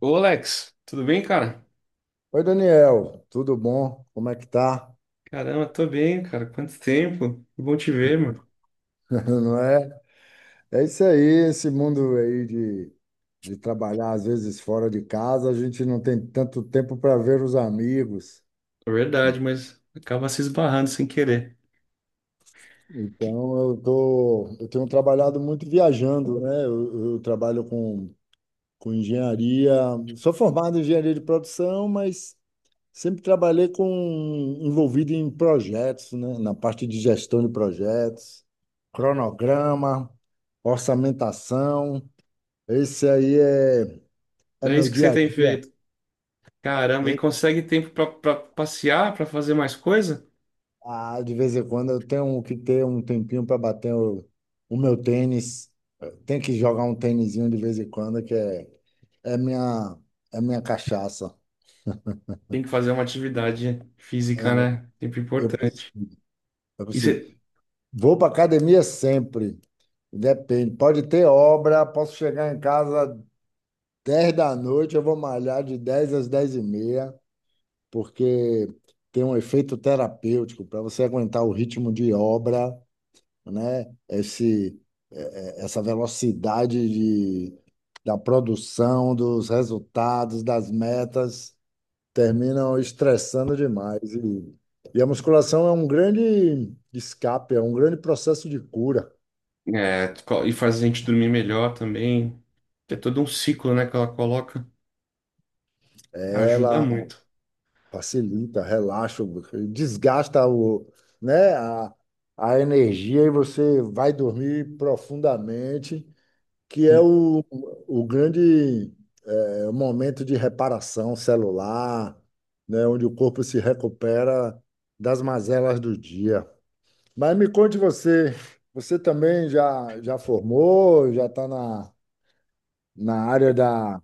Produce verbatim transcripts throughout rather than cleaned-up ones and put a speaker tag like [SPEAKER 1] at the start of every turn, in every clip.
[SPEAKER 1] Ô, Alex, tudo bem, cara?
[SPEAKER 2] Oi, Daniel, tudo bom? Como é que tá?
[SPEAKER 1] Caramba, tô bem, cara. Quanto tempo? Que bom te ver, meu.
[SPEAKER 2] Não é? É isso aí, esse mundo aí de, de trabalhar às vezes fora de casa, a gente não tem tanto tempo para ver os amigos.
[SPEAKER 1] É verdade, mas acaba se esbarrando sem querer. Que-
[SPEAKER 2] Então eu tô, eu tenho trabalhado muito viajando, né? Eu, eu trabalho com com engenharia. Sou formado em engenharia de produção, mas sempre trabalhei com envolvido em projetos, né? Na parte de gestão de projetos, cronograma, orçamentação. Esse aí é, é
[SPEAKER 1] É
[SPEAKER 2] meu
[SPEAKER 1] isso que você
[SPEAKER 2] dia a
[SPEAKER 1] tem
[SPEAKER 2] dia.
[SPEAKER 1] feito. Caramba, e
[SPEAKER 2] E-
[SPEAKER 1] consegue tempo pra, pra passear, pra fazer mais coisa?
[SPEAKER 2] ah, de vez em quando eu tenho que ter um tempinho para bater o, o meu tênis. Tem que jogar um tênisinho de vez em quando, que é, é minha, é minha cachaça.
[SPEAKER 1] Tem que fazer uma atividade física, né? Sempre
[SPEAKER 2] Eu preciso,
[SPEAKER 1] importante.
[SPEAKER 2] eu
[SPEAKER 1] E,
[SPEAKER 2] preciso
[SPEAKER 1] você,
[SPEAKER 2] Vou para academia sempre. Depende. Pode ter obra, posso chegar em casa dez da noite, eu vou malhar de dez às dez e meia, porque tem um efeito terapêutico para você aguentar o ritmo de obra, né? Esse, essa velocidade de, da produção, dos resultados, das metas, terminam estressando demais. E, e a musculação é um grande escape, é um grande processo de cura.
[SPEAKER 1] é, co- e faz a gente dormir melhor também. É todo um ciclo, né, que ela coloca. Ajuda
[SPEAKER 2] Ela
[SPEAKER 1] muito.
[SPEAKER 2] facilita, relaxa, desgasta o, né, a, a energia e você vai dormir profundamente, que é o, o grande eh, momento de reparação celular, né, onde o corpo se recupera das mazelas do dia. Mas me conte você, você também já, já formou, já está na, na área da,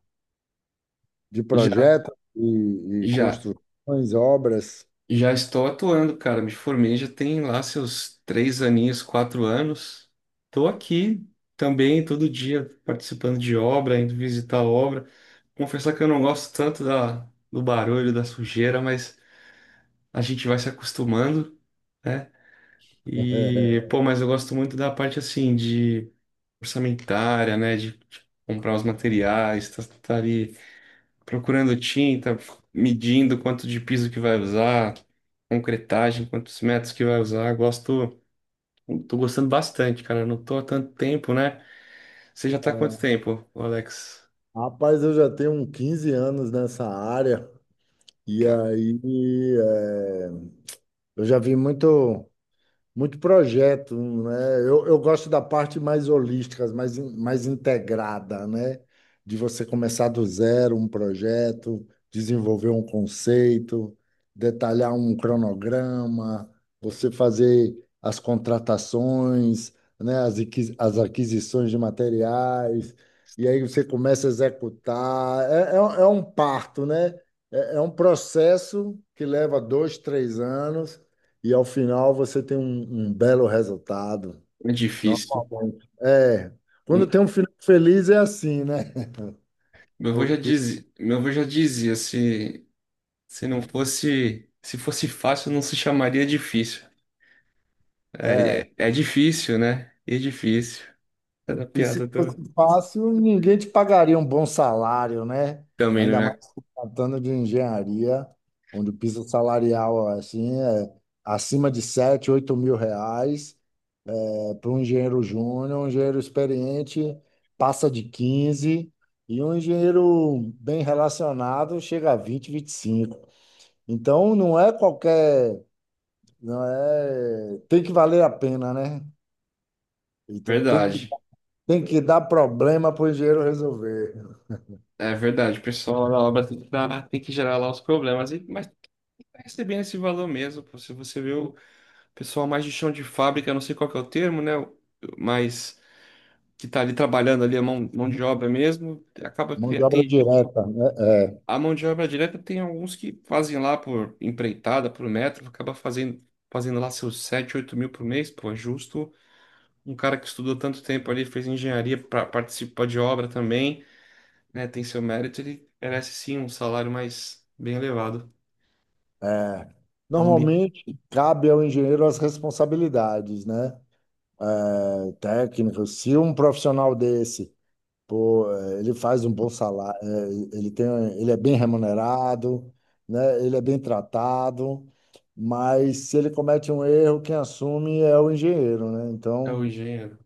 [SPEAKER 2] de
[SPEAKER 1] Já,
[SPEAKER 2] projetos e, e
[SPEAKER 1] já.
[SPEAKER 2] construções, obras?
[SPEAKER 1] Já estou atuando, cara. Me formei já tem lá seus três aninhos, quatro anos. Estou aqui também todo dia participando de obra, indo visitar a obra. Confessar que eu não gosto tanto da, do barulho, da sujeira, mas a gente vai se acostumando, né?
[SPEAKER 2] é,
[SPEAKER 1] E, pô, mas eu gosto muito da parte assim de orçamentária, né? De, de comprar os materiais, tá, tá ali procurando tinta, medindo quanto de piso que vai usar, concretagem, quantos metros que vai usar. Gosto, tô gostando bastante, cara. Não tô há tanto tempo, né? Você já tá há quanto tempo, ô Alex?
[SPEAKER 2] Rapaz, eu já tenho uns quinze anos nessa área e
[SPEAKER 1] Cara,
[SPEAKER 2] aí é, eu já vi muito, muito projeto, né? Eu, eu gosto da parte mais holística, mais, in- mais integrada, né? De você começar do zero um projeto, desenvolver um conceito, detalhar um cronograma, você fazer as contratações, né? As, aquisi- as aquisições de materiais, e aí você começa a executar. É, é, um é um parto, né? É, é um processo que leva dois, três anos e ao final você tem um, um belo resultado.
[SPEAKER 1] é difícil.
[SPEAKER 2] Normalmente. É. Quando
[SPEAKER 1] E
[SPEAKER 2] tem um final feliz é assim, né?
[SPEAKER 1] Meu avô já
[SPEAKER 2] Porque,
[SPEAKER 1] dizia, meu avô já dizia, se, se não fosse, se fosse fácil, não se chamaria difícil. É,
[SPEAKER 2] é.
[SPEAKER 1] é, é difícil, né? E é difícil. É da
[SPEAKER 2] E se
[SPEAKER 1] piada do...
[SPEAKER 2] fosse fácil, ninguém te pagaria um bom salário, né?
[SPEAKER 1] Também não
[SPEAKER 2] Ainda mais
[SPEAKER 1] é
[SPEAKER 2] se tratando de engenharia, onde o piso salarial assim, é acima de sete oito mil reais. É, para um engenheiro júnior, um engenheiro experiente passa de quinze e um engenheiro bem relacionado chega a vinte vinte e cinco. Então não é qualquer, não é, tem que valer a pena, né? Então tem que,
[SPEAKER 1] verdade.
[SPEAKER 2] tem que dar problema para o engenheiro resolver.
[SPEAKER 1] É verdade, o pessoal na obra tem que, dar- tem que gerar lá os problemas, e, mas tá recebendo esse valor mesmo. Pô. Se você vê o pessoal mais de chão de fábrica, não sei qual que é o termo, né? o- Mas que tá ali trabalhando ali a mão, mão de obra mesmo, acaba
[SPEAKER 2] Mão
[SPEAKER 1] que
[SPEAKER 2] de obra
[SPEAKER 1] tem gente.
[SPEAKER 2] direta, né?
[SPEAKER 1] A mão de obra direta tem alguns que fazem lá por empreitada, por metro, acaba fazendo, fazendo lá seus sete, oito mil por mês, pô, é justo. Um cara que estudou tanto tempo ali, fez engenharia para participar de obra também. Né, tem seu mérito, ele merece sim um salário mais bem elevado.
[SPEAKER 2] É. é.
[SPEAKER 1] É um ambi...
[SPEAKER 2] Normalmente cabe ao engenheiro as responsabilidades, né? É, Técnico, se um profissional desse, pô, é, ele faz um bom salário, é, ele tem, ele é bem remunerado, né? Ele é bem tratado, mas se ele comete um erro, quem assume é o engenheiro, né?
[SPEAKER 1] é
[SPEAKER 2] Então
[SPEAKER 1] o gênero.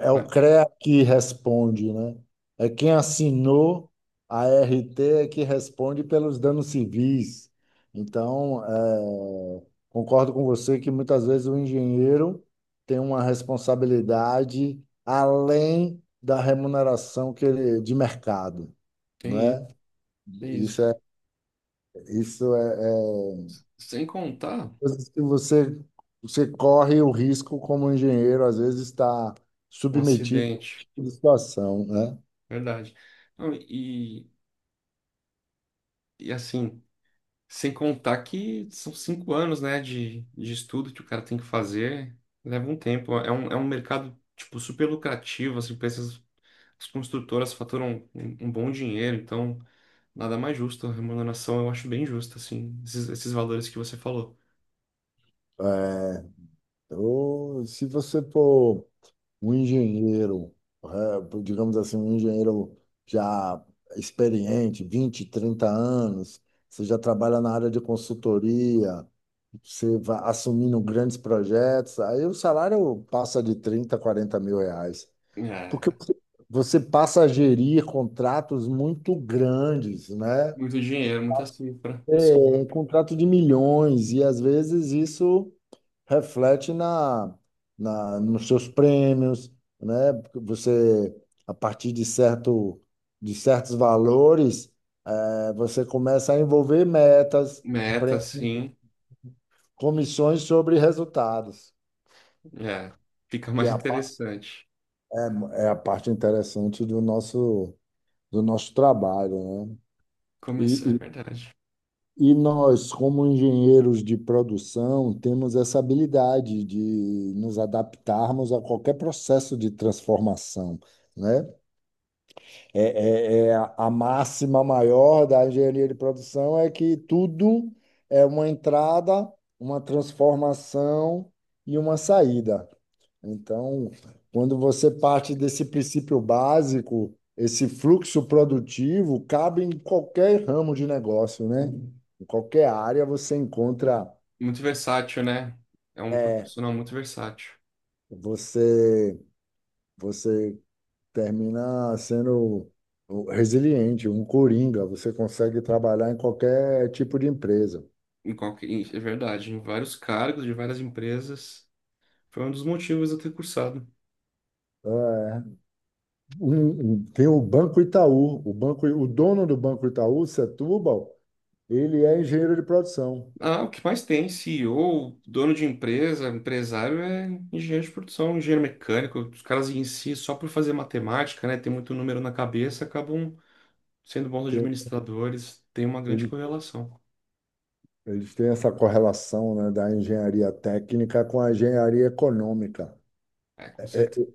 [SPEAKER 2] é o
[SPEAKER 1] Mas
[SPEAKER 2] CREA que responde, né? É quem assinou a R T é que responde pelos danos civis. Então, é, concordo com você que muitas vezes o engenheiro tem uma responsabilidade além da remuneração que ele, de mercado,
[SPEAKER 1] tem isso,
[SPEAKER 2] né?
[SPEAKER 1] tem isso.
[SPEAKER 2] Isso é, isso é, é
[SPEAKER 1] Sem contar
[SPEAKER 2] coisas que você, você corre o risco como engenheiro, às vezes está
[SPEAKER 1] um
[SPEAKER 2] submetido a esse
[SPEAKER 1] acidente,
[SPEAKER 2] tipo de situação, né?
[SPEAKER 1] verdade. Não, e, e assim, sem contar que são cinco anos, né, de, de estudo que o cara tem que fazer, leva um tempo. É um, é um mercado, tipo, super lucrativo, assim, pra essas- as construtoras faturam um, um bom dinheiro, então nada mais justo. A remuneração eu acho bem justa, assim, esses, esses valores que você falou.
[SPEAKER 2] É, Eu, se você for um engenheiro, é, digamos assim, um engenheiro já experiente, vinte trinta anos, você já trabalha na área de consultoria, você vai assumindo grandes projetos, aí o salário passa de trinta quarenta mil reais, porque
[SPEAKER 1] É,
[SPEAKER 2] você passa a gerir contratos muito grandes, né?
[SPEAKER 1] muito dinheiro, muita cifra.
[SPEAKER 2] É,
[SPEAKER 1] Sim.
[SPEAKER 2] um contrato de milhões, e às vezes isso reflete na, na nos seus prêmios, né? Porque você, a partir de certo, de certos valores, eh, você começa a envolver metas,
[SPEAKER 1] Meta,
[SPEAKER 2] pre-
[SPEAKER 1] sim.
[SPEAKER 2] comissões sobre resultados,
[SPEAKER 1] É, fica
[SPEAKER 2] que
[SPEAKER 1] mais
[SPEAKER 2] é a, pa-
[SPEAKER 1] interessante.
[SPEAKER 2] é é a parte interessante do nosso, do nosso trabalho, né?
[SPEAKER 1] Como isso é
[SPEAKER 2] E, e,
[SPEAKER 1] verdade.
[SPEAKER 2] e nós, como engenheiros de produção, temos essa habilidade de nos adaptarmos a qualquer processo de transformação, né? É, é- é a a máxima maior da engenharia de produção é que tudo é uma entrada, uma transformação e uma saída. Então, quando você parte desse princípio básico, esse fluxo produtivo cabe em qualquer ramo de negócio, né? Em qualquer área você encontra,
[SPEAKER 1] Muito versátil, né? É um
[SPEAKER 2] é
[SPEAKER 1] profissional muito versátil.
[SPEAKER 2] você, você termina sendo resiliente, um coringa. Você consegue trabalhar em qualquer tipo de empresa.
[SPEAKER 1] Em qualquer, em- é verdade, em vários cargos, de várias empresas. Foi um dos motivos de eu ter cursado.
[SPEAKER 2] É. Um- um- tem o Banco Itaú. O banco, o dono do Banco Itaú, Setúbal, ele é engenheiro de produção.
[SPEAKER 1] Ah, o que mais tem? CEO, dono de empresa, empresário é engenheiro de produção, engenheiro mecânico. Os caras em si, só por fazer matemática, né? Ter muito número na cabeça, acabam sendo bons
[SPEAKER 2] Tem-
[SPEAKER 1] administradores, tem uma grande
[SPEAKER 2] ele-
[SPEAKER 1] correlação.
[SPEAKER 2] Eles têm essa correlação, né, da engenharia técnica com a engenharia econômica.
[SPEAKER 1] É, com certeza.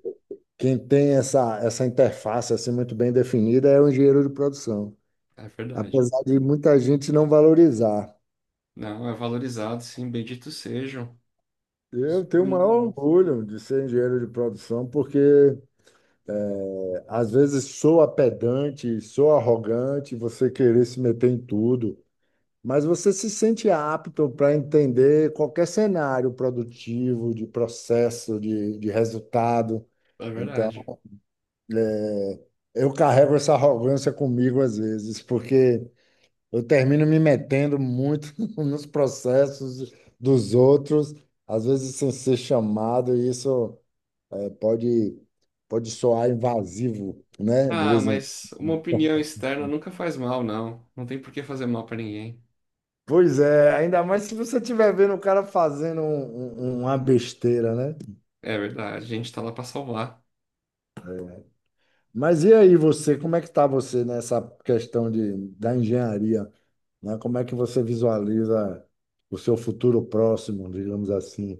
[SPEAKER 2] Quem tem essa, essa interface assim, muito bem definida é o engenheiro de produção.
[SPEAKER 1] É verdade.
[SPEAKER 2] Apesar de muita gente não valorizar.
[SPEAKER 1] Não, é valorizado, sim, benditos sejam. Os
[SPEAKER 2] Eu tenho o maior
[SPEAKER 1] benditos.
[SPEAKER 2] orgulho de ser engenheiro de produção, porque é, às vezes soa pedante, soa arrogante você querer se meter em tudo, mas você se sente apto para entender qualquer cenário produtivo, de processo, de, de resultado.
[SPEAKER 1] É verdade.
[SPEAKER 2] Então, eu carrego essa arrogância comigo às vezes, porque eu termino me metendo muito nos processos dos outros, às vezes sem ser chamado, e isso. É, pode, pode soar invasivo, né? De
[SPEAKER 1] Ah,
[SPEAKER 2] vez em...
[SPEAKER 1] mas uma opinião externa nunca faz mal, não. Não tem por que fazer mal pra ninguém.
[SPEAKER 2] Pois é, ainda mais se você estiver vendo o cara fazendo um- um- uma besteira, né?
[SPEAKER 1] É verdade, a gente tá lá pra salvar.
[SPEAKER 2] Mas e aí você, como é que tá você nessa questão de, da engenharia, né? Como é que você visualiza o seu futuro próximo, digamos assim?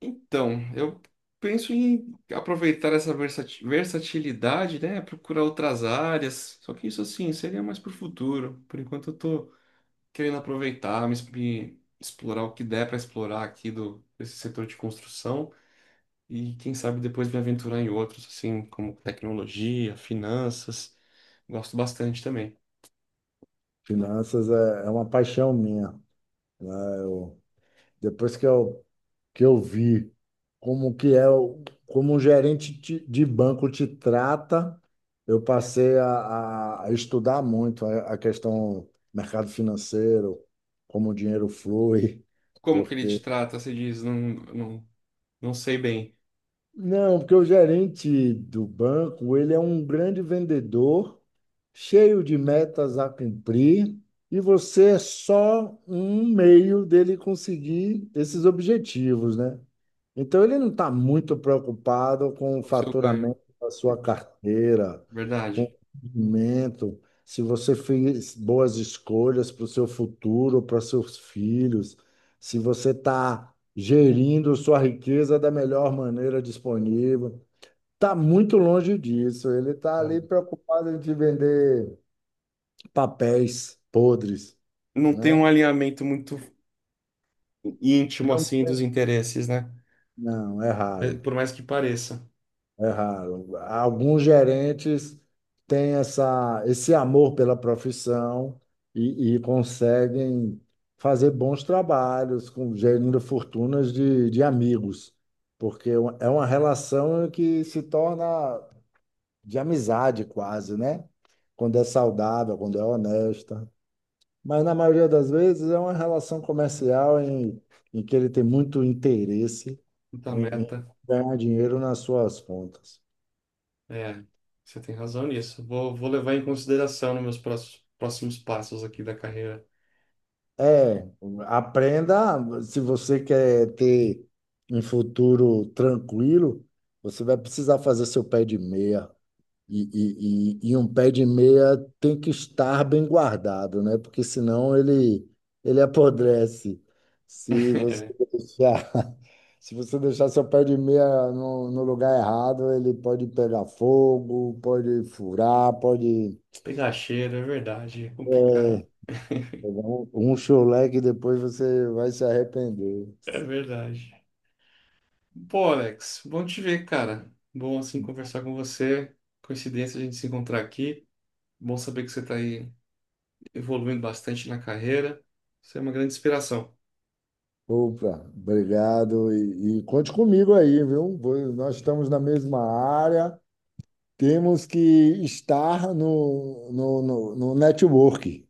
[SPEAKER 1] Então, eu penso em aproveitar essa versati- versatilidade, né? Procurar outras áreas. Só que isso, assim, seria mais pro futuro. Por enquanto, eu tô querendo aproveitar, me, me explorar o que der para explorar aqui do desse setor de construção e quem sabe depois me aventurar em outros, assim como tecnologia, finanças. Gosto bastante também.
[SPEAKER 2] Finanças é, é uma paixão minha, né? Eu, depois que eu que eu vi como que é o- como um gerente te- de banco te trata, eu passei a, a- a estudar muito a, a questão mercado financeiro, como o dinheiro flui,
[SPEAKER 1] Como que ele te
[SPEAKER 2] porque
[SPEAKER 1] trata? Você diz, não, não, não sei bem
[SPEAKER 2] não, porque o gerente do banco, ele é um grande vendedor, cheio de metas a cumprir, e você é só um meio dele conseguir esses objetivos, né? Então, ele não está muito preocupado com o
[SPEAKER 1] o seu ganho.
[SPEAKER 2] faturamento da sua carteira, com
[SPEAKER 1] Verdade.
[SPEAKER 2] o rendimento, se você fez boas escolhas para o seu futuro, para seus filhos, se você está gerindo sua riqueza da melhor maneira disponível. Está muito longe disso. Ele está ali
[SPEAKER 1] É.
[SPEAKER 2] preocupado em te vender papéis podres,
[SPEAKER 1] Não tem um
[SPEAKER 2] né?
[SPEAKER 1] alinhamento muito íntimo
[SPEAKER 2] Não,
[SPEAKER 1] assim dos interesses, né?
[SPEAKER 2] não, é
[SPEAKER 1] É,
[SPEAKER 2] raro,
[SPEAKER 1] por mais que pareça,
[SPEAKER 2] é raro. Alguns gerentes têm essa, esse amor pela profissão e, e conseguem fazer bons trabalhos com gerindo fortunas de, de amigos, porque é uma relação que se torna de amizade quase, né? Quando é saudável, quando é honesta. Mas na maioria das vezes é uma relação comercial em, em que ele tem muito interesse
[SPEAKER 1] muita
[SPEAKER 2] em, em
[SPEAKER 1] meta.
[SPEAKER 2] ganhar dinheiro nas suas contas.
[SPEAKER 1] É, você tem razão nisso. Vou, vou levar em consideração nos meus próximos, próximos passos aqui da carreira.
[SPEAKER 2] É, aprenda, se você quer ter um futuro tranquilo, você vai precisar fazer seu pé de meia. E, e, e, e um pé de meia tem que estar bem guardado, né? Porque senão ele, ele apodrece. Se você
[SPEAKER 1] É,
[SPEAKER 2] deixar, se você deixar seu pé de meia no, no lugar errado, ele pode pegar fogo, pode furar, pode...
[SPEAKER 1] pegar cheiro, é verdade, é
[SPEAKER 2] é,
[SPEAKER 1] complicado.
[SPEAKER 2] Pegar um, um chulé que depois você vai se arrepender.
[SPEAKER 1] É verdade. Bom, Alex, bom te ver, cara. Bom assim conversar com você. Coincidência a gente se encontrar aqui. Bom saber que você está aí evoluindo bastante na carreira. Você é uma grande inspiração.
[SPEAKER 2] Opa, obrigado. E, e conte comigo aí, viu? Vou- Nós estamos na mesma área. Temos que estar no, no, no, no network,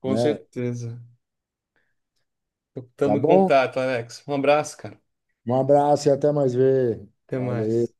[SPEAKER 1] Com
[SPEAKER 2] né?
[SPEAKER 1] certeza.
[SPEAKER 2] Tá
[SPEAKER 1] Estamos em
[SPEAKER 2] bom?
[SPEAKER 1] contato, Alex. Um abraço, cara.
[SPEAKER 2] Um abraço e até mais ver.
[SPEAKER 1] Até
[SPEAKER 2] Valeu.
[SPEAKER 1] mais.